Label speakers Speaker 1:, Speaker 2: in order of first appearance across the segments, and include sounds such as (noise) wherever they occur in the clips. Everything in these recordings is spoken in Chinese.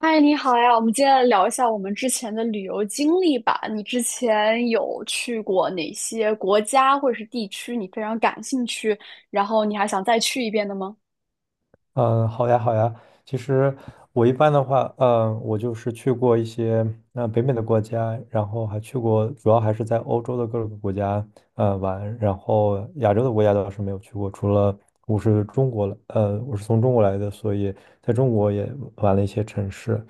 Speaker 1: 嗨，你好呀！我们接来聊一下我们之前的旅游经历吧。你之前有去过哪些国家或者是地区，你非常感兴趣，然后你还想再去一遍的吗？
Speaker 2: 好呀，好呀。其实我一般的话，我就是去过一些北美的国家，然后还去过，主要还是在欧洲的各个国家玩，然后亚洲的国家倒是没有去过，除了我是中国，我是从中国来的，所以在中国也玩了一些城市。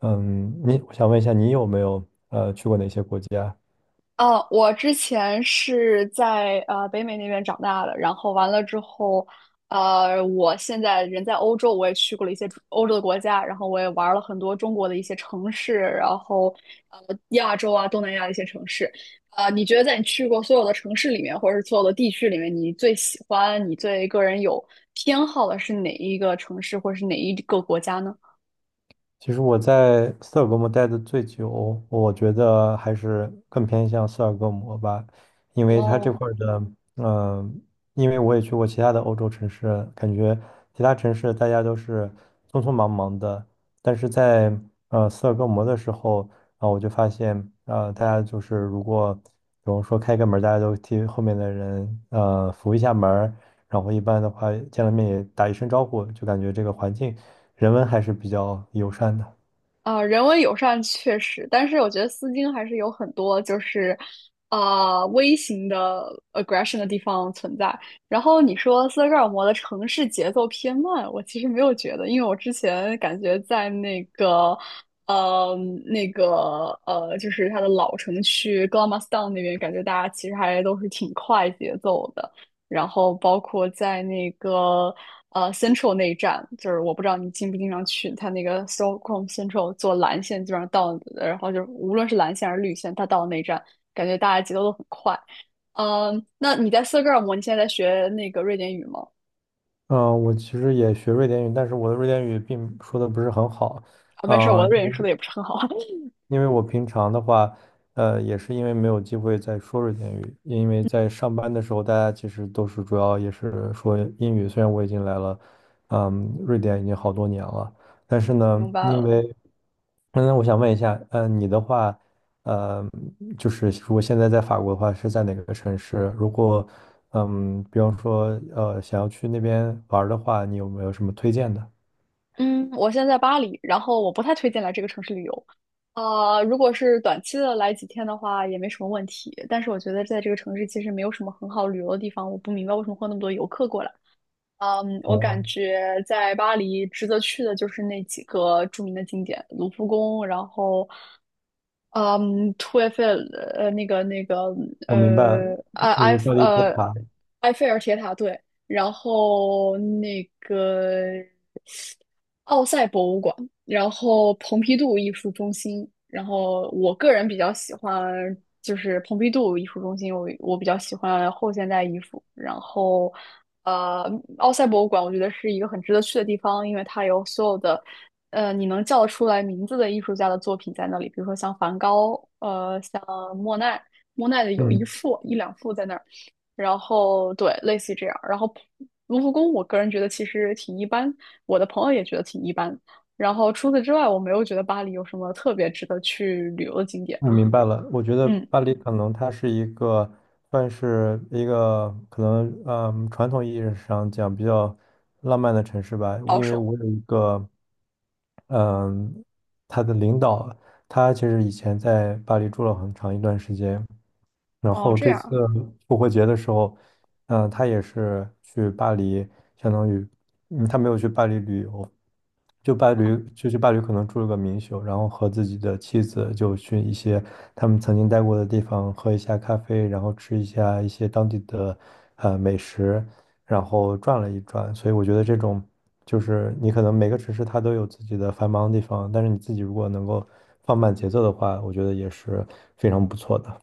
Speaker 2: 我想问一下，你有没有去过哪些国家？
Speaker 1: 哦，我之前是在北美那边长大的，然后完了之后，我现在人在欧洲，我也去过了一些欧洲的国家，然后我也玩了很多中国的一些城市，然后亚洲啊东南亚的一些城市，你觉得在你去过所有的城市里面，或者是所有的地区里面，你最喜欢、你最个人有偏好的是哪一个城市，或者是哪一个国家呢？
Speaker 2: 其实我在斯德哥尔摩待的最久，我觉得还是更偏向斯德哥尔摩吧，因为它这
Speaker 1: 哦，
Speaker 2: 块儿的，嗯、因为我也去过其他的欧洲城市，感觉其他城市大家都是匆匆忙忙的，但是在斯德哥尔摩的时候，我就发现，大家就是如果比如说开个门儿大家都替后面的人扶一下门儿，然后一般的话见了面也打一声招呼，就感觉这个环境人文还是比较友善的。
Speaker 1: 啊，人文友善确实，但是我觉得丝巾还是有很多就是，微型的 aggression 的地方存在。然后你说斯德哥尔摩的城市节奏偏慢，我其实没有觉得，因为我之前感觉在那个，呃，就是它的老城区 g l a m a s t o w n 那边，感觉大家其实还都是挺快节奏的。然后包括在那个Central 那一站，就是我不知道你经不经常去，它那个 Stockholm Central 坐蓝线基本上到，然后就是无论是蓝线还是绿线，它到了那一站，感觉大家节奏都很快。嗯，那你在斯德哥尔摩，你现在在学那个瑞典语吗？
Speaker 2: 我其实也学瑞典语，但是我的瑞典语并说的不是很好。
Speaker 1: 啊，没事儿，我
Speaker 2: 嗯、
Speaker 1: 的瑞典说的也不是很好。(laughs)
Speaker 2: 因为我平常的话，也是因为没有机会再说瑞典语，因为在上班的时候，大家其实都是主要也是说英语。虽然我已经来了，嗯，瑞典已经好多年了，但是呢，
Speaker 1: 明白
Speaker 2: 因
Speaker 1: 了。
Speaker 2: 为，嗯，我想问一下，你的话，呃，就是如果现在在法国的话，是在哪个城市？如果，比方说，想要去那边玩儿的话，你有没有什么推荐的？
Speaker 1: 嗯，我现在在巴黎，然后我不太推荐来这个城市旅游。呃，如果是短期的来几天的话，也没什么问题。但是我觉得在这个城市其实没有什么很好旅游的地方，我不明白为什么会有那么多游客过来。我感
Speaker 2: 哦，
Speaker 1: 觉在巴黎值得去的就是那几个著名的景点，卢浮宫，然后嗯图埃菲尔呃那个那个
Speaker 2: 我明白了，
Speaker 1: 呃埃埃
Speaker 2: 你巴
Speaker 1: 菲
Speaker 2: 黎铁
Speaker 1: 呃
Speaker 2: 塔。
Speaker 1: 埃菲尔铁塔对，然后那个奥赛博物馆。然后蓬皮杜艺术中心，然后我个人比较喜欢就是蓬皮杜艺术中心，我比较喜欢后现代艺术，然后呃，奥赛博物馆我觉得是一个很值得去的地方，因为它有所有的你能叫得出来名字的艺术家的作品在那里，比如说像梵高，像莫奈，莫奈的有
Speaker 2: 嗯。
Speaker 1: 一两幅在那儿，然后对，类似于这样，然后。卢浮宫，我个人觉得其实挺一般，我的朋友也觉得挺一般，然后除此之外，我没有觉得巴黎有什么特别值得去旅游的景点。
Speaker 2: 我明白了，我觉得
Speaker 1: 嗯，
Speaker 2: 巴黎可能它是一个算是一个可能，嗯，传统意义上讲比较浪漫的城市吧。
Speaker 1: 保
Speaker 2: 因为
Speaker 1: 守。
Speaker 2: 我有一个，嗯，他的领导，他其实以前在巴黎住了很长一段时间，然
Speaker 1: 哦，
Speaker 2: 后
Speaker 1: 这
Speaker 2: 这
Speaker 1: 样
Speaker 2: 次
Speaker 1: 啊。
Speaker 2: 复活节的时候，嗯，他也是去巴黎，相当于。就伴侣，就是伴侣可能住了个民宿，然后和自己的妻子就去一些他们曾经待过的地方喝一下咖啡，然后吃一下一些当地的美食，然后转了一转。所以我觉得这种就是你可能每个城市它都有自己的繁忙的地方，但是你自己如果能够放慢节奏的话，我觉得也是非常不错的。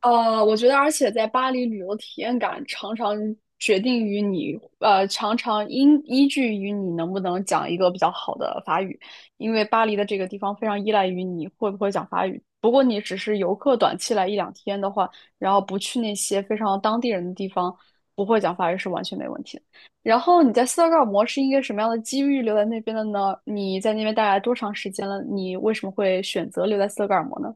Speaker 1: 我觉得，而且在巴黎旅游体验感常常决定于你，常常因依据于你能不能讲一个比较好的法语，因为巴黎的这个地方非常依赖于你会不会讲法语。不过你只是游客短期来一两天的话，然后不去那些非常当地人的地方，不会讲法语是完全没问题的。然后你在斯德哥尔摩是一个什么样的机遇留在那边的呢？你在那边待了多长时间了？你为什么会选择留在斯德哥尔摩呢？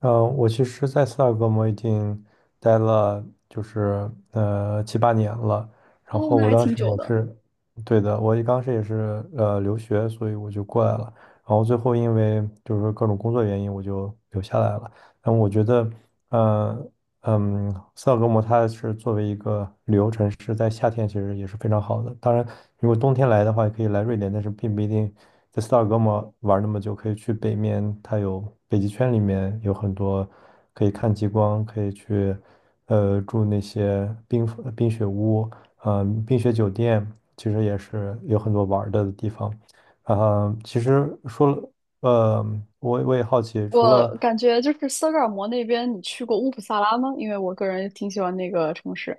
Speaker 2: 我其实在斯德哥尔摩已经待了，就是七八年了。然
Speaker 1: 哦，
Speaker 2: 后
Speaker 1: 那
Speaker 2: 我
Speaker 1: 还
Speaker 2: 当
Speaker 1: 挺
Speaker 2: 时
Speaker 1: 久
Speaker 2: 也
Speaker 1: 的。
Speaker 2: 是，对的，我一当时也是留学，所以我就过来了。然后最后因为就是各种工作原因，我就留下来了。但我觉得，呃。嗯，斯德哥摩它是作为一个旅游城市，在夏天其实也是非常好的。当然，如果冬天来的话，也可以来瑞典，但是并不一定在斯德哥摩玩那么久。可以去北面，它有北极圈，里面有很多可以看极光，可以去住那些冰雪屋，冰雪酒店，其实也是有很多玩儿的地方。其实说了，呃，我也好奇，除
Speaker 1: 我
Speaker 2: 了
Speaker 1: 感觉就是斯德哥尔摩那边，你去过乌普萨拉吗？因为我个人挺喜欢那个城市。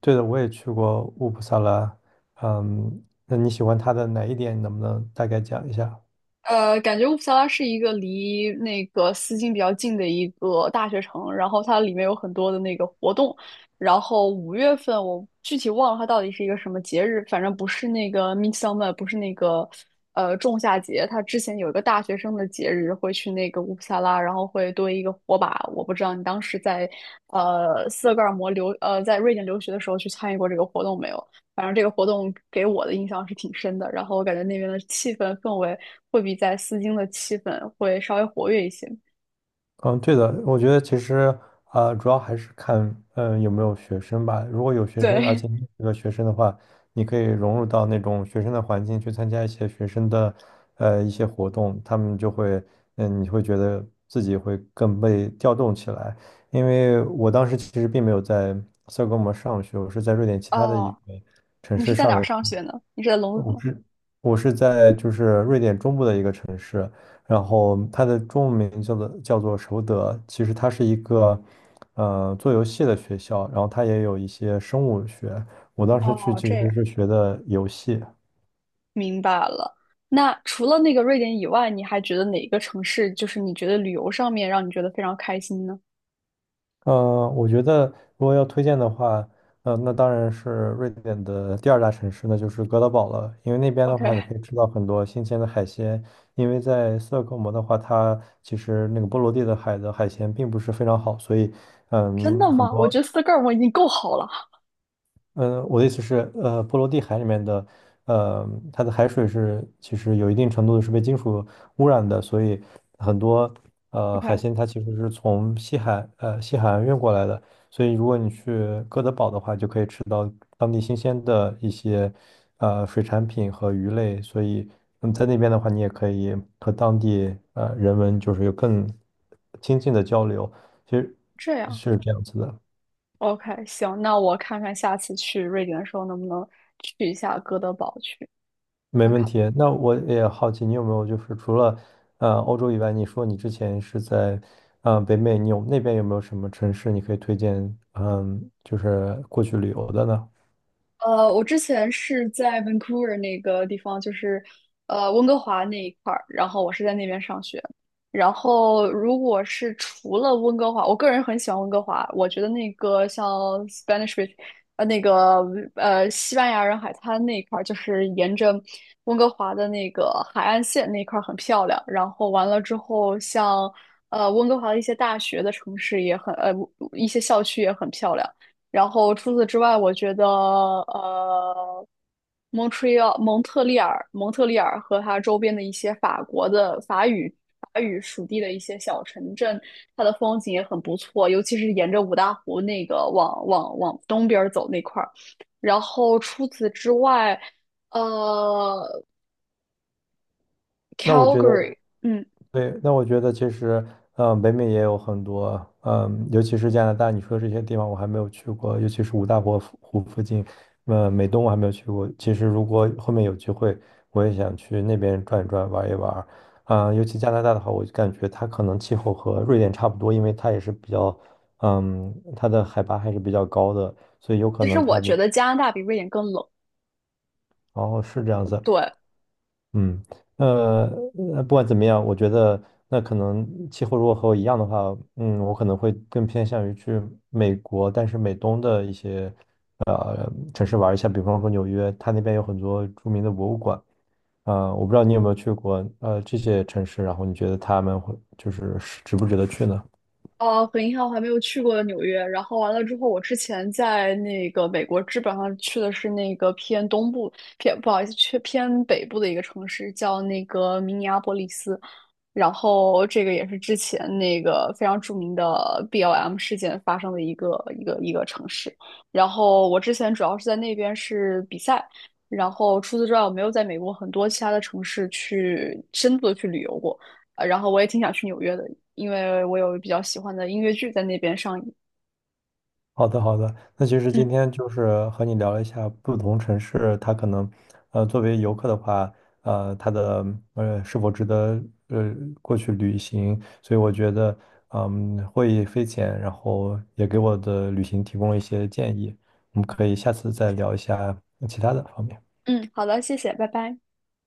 Speaker 2: 对的，我也去过乌普萨拉。嗯，那你喜欢他的哪一点？能不能大概讲一下？
Speaker 1: 呃，感觉乌普萨拉是一个离那个斯金比较近的一个大学城，然后它里面有很多的那个活动，然后五月份我具体忘了它到底是一个什么节日，反正不是那个 Midsummer,不是那个仲夏节，它之前有一个大学生的节日会去那个乌普萨拉，然后会堆一个火把，我不知道你当时在呃斯德哥尔摩留呃在瑞典留学的时候去参与过这个活动没有？反正这个活动给我的印象是挺深的，然后我感觉那边的气氛氛围会比在丝巾的气氛会稍微活跃一些。
Speaker 2: 嗯，对的，我觉得其实主要还是看嗯有没有学生吧。如果有学生，而且
Speaker 1: 对，
Speaker 2: 你是个学生的话，你可以融入到那种学生的环境去参加一些学生的一些活动，他们就会嗯你会觉得自己会更被调动起来。因为我当时其实并没有在斯德哥尔摩上学，我是在瑞典
Speaker 1: (laughs)
Speaker 2: 其他的一
Speaker 1: 哦，
Speaker 2: 个城
Speaker 1: 你是
Speaker 2: 市。
Speaker 1: 在哪儿上学呢？你是在龙谷
Speaker 2: 我
Speaker 1: 吗？
Speaker 2: 是我是在就是瑞典中部的一个城市，然后它的中文名叫做首德，其实它是一个做游戏的学校，然后它也有一些生物学，我当时去
Speaker 1: 哦，
Speaker 2: 其
Speaker 1: 这
Speaker 2: 实
Speaker 1: 样，
Speaker 2: 是学的游戏。
Speaker 1: 明白了。那除了那个瑞典以外，你还觉得哪个城市就是你觉得旅游上面让你觉得非常开心呢
Speaker 2: 我觉得如果要推荐的话，那当然是瑞典的第二大城市，那就是哥德堡了。因为那边的话，你
Speaker 1: ？OK,
Speaker 2: 可以吃到很多新鲜的海鲜。因为在斯德哥尔摩的话，它其实那个波罗的海的海鲜并不是非常好，所以，
Speaker 1: 真
Speaker 2: 嗯，
Speaker 1: 的
Speaker 2: 很
Speaker 1: 吗？我
Speaker 2: 多
Speaker 1: 觉得斯德哥尔摩已经够好了。
Speaker 2: 我的意思是，波罗的海里面的，呃，它的海水是其实有一定程度的是被金属污染的，所以很多海
Speaker 1: OK,
Speaker 2: 鲜它其实是从西海岸运过来的，所以如果你去哥德堡的话，就可以吃到当地新鲜的一些水产品和鱼类，所以嗯在那边的话，你也可以和当地人文就是有更亲近的交流，其实
Speaker 1: 这样
Speaker 2: 是这样子的。
Speaker 1: ，OK,行，那我看看下次去瑞典的时候能不能去一下哥德堡去。
Speaker 2: 没
Speaker 1: 看
Speaker 2: 问
Speaker 1: 看。
Speaker 2: 题。那我也好奇，你有没有就是除了欧洲以外，你说你之前是在北美，你有那边有没有什么城市你可以推荐？嗯，就是过去旅游的呢？
Speaker 1: 呃，我之前是在 Vancouver 那个地方，就是温哥华那一块儿，然后我是在那边上学。然后如果是除了温哥华，我个人很喜欢温哥华，我觉得那个像 Spanish Bay,呃那个西班牙人海滩那一块儿，就是沿着温哥华的那个海岸线那一块儿很漂亮。然后完了之后像，温哥华的一些大学的城市也很一些校区也很漂亮。然后除此之外，我觉得呃，蒙特利尔和它周边的一些法国的法语法语属地的一些小城镇，它的风景也很不错，尤其是沿着五大湖那个往东边儿走那块儿。然后除此之外，呃
Speaker 2: 那我觉得。
Speaker 1: ，Calgary,嗯，
Speaker 2: 对，那我觉得其实，嗯，北美也有很多，嗯，尤其是加拿大，你说这些地方我还没有去过，尤其是五大湖附近，嗯，美东我还没有去过。其实如果后面有机会，我也想去那边转一转，玩一玩。嗯，尤其加拿大的话，我就感觉它可能气候和瑞典差不多，因为它也是比较，嗯，它的海拔还是比较高的，所以有可
Speaker 1: 其实
Speaker 2: 能
Speaker 1: 我
Speaker 2: 它
Speaker 1: 觉
Speaker 2: 里，
Speaker 1: 得加拿大比瑞典更冷。
Speaker 2: 哦，是这样子。
Speaker 1: 对。
Speaker 2: 嗯，呃，不管怎么样，我觉得那可能气候如果和我一样的话，嗯，我可能会更偏向于去美国，但是美东的一些城市玩一下，比方说纽约，它那边有很多著名的博物馆，我不知道你有没有去过这些城市，然后你觉得他们会就是值不值得去呢？
Speaker 1: 呃，很遗憾，我还没有去过纽约。然后完了之后，我之前在那个美国，基本上去的是那个偏东部，偏不好意思，去偏北部的一个城市，叫那个明尼阿波利斯。然后这个也是之前那个非常著名的 BLM 事件发生的一个城市。然后我之前主要是在那边是比赛，然后除此之外，我没有在美国很多其他的城市去深度的去旅游过。然后我也挺想去纽约的，因为我有比较喜欢的音乐剧在那边上映。
Speaker 2: 好的，好的。那其实今
Speaker 1: 嗯
Speaker 2: 天就是和你聊了一下不同城市，它可能，作为游客的话，它的是否值得呃过去旅行？所以我觉得，嗯，获益匪浅，然后也给我的旅行提供了一些建议。我们可以下次再聊一下其他的方面。
Speaker 1: 嗯，好的，谢谢，拜拜。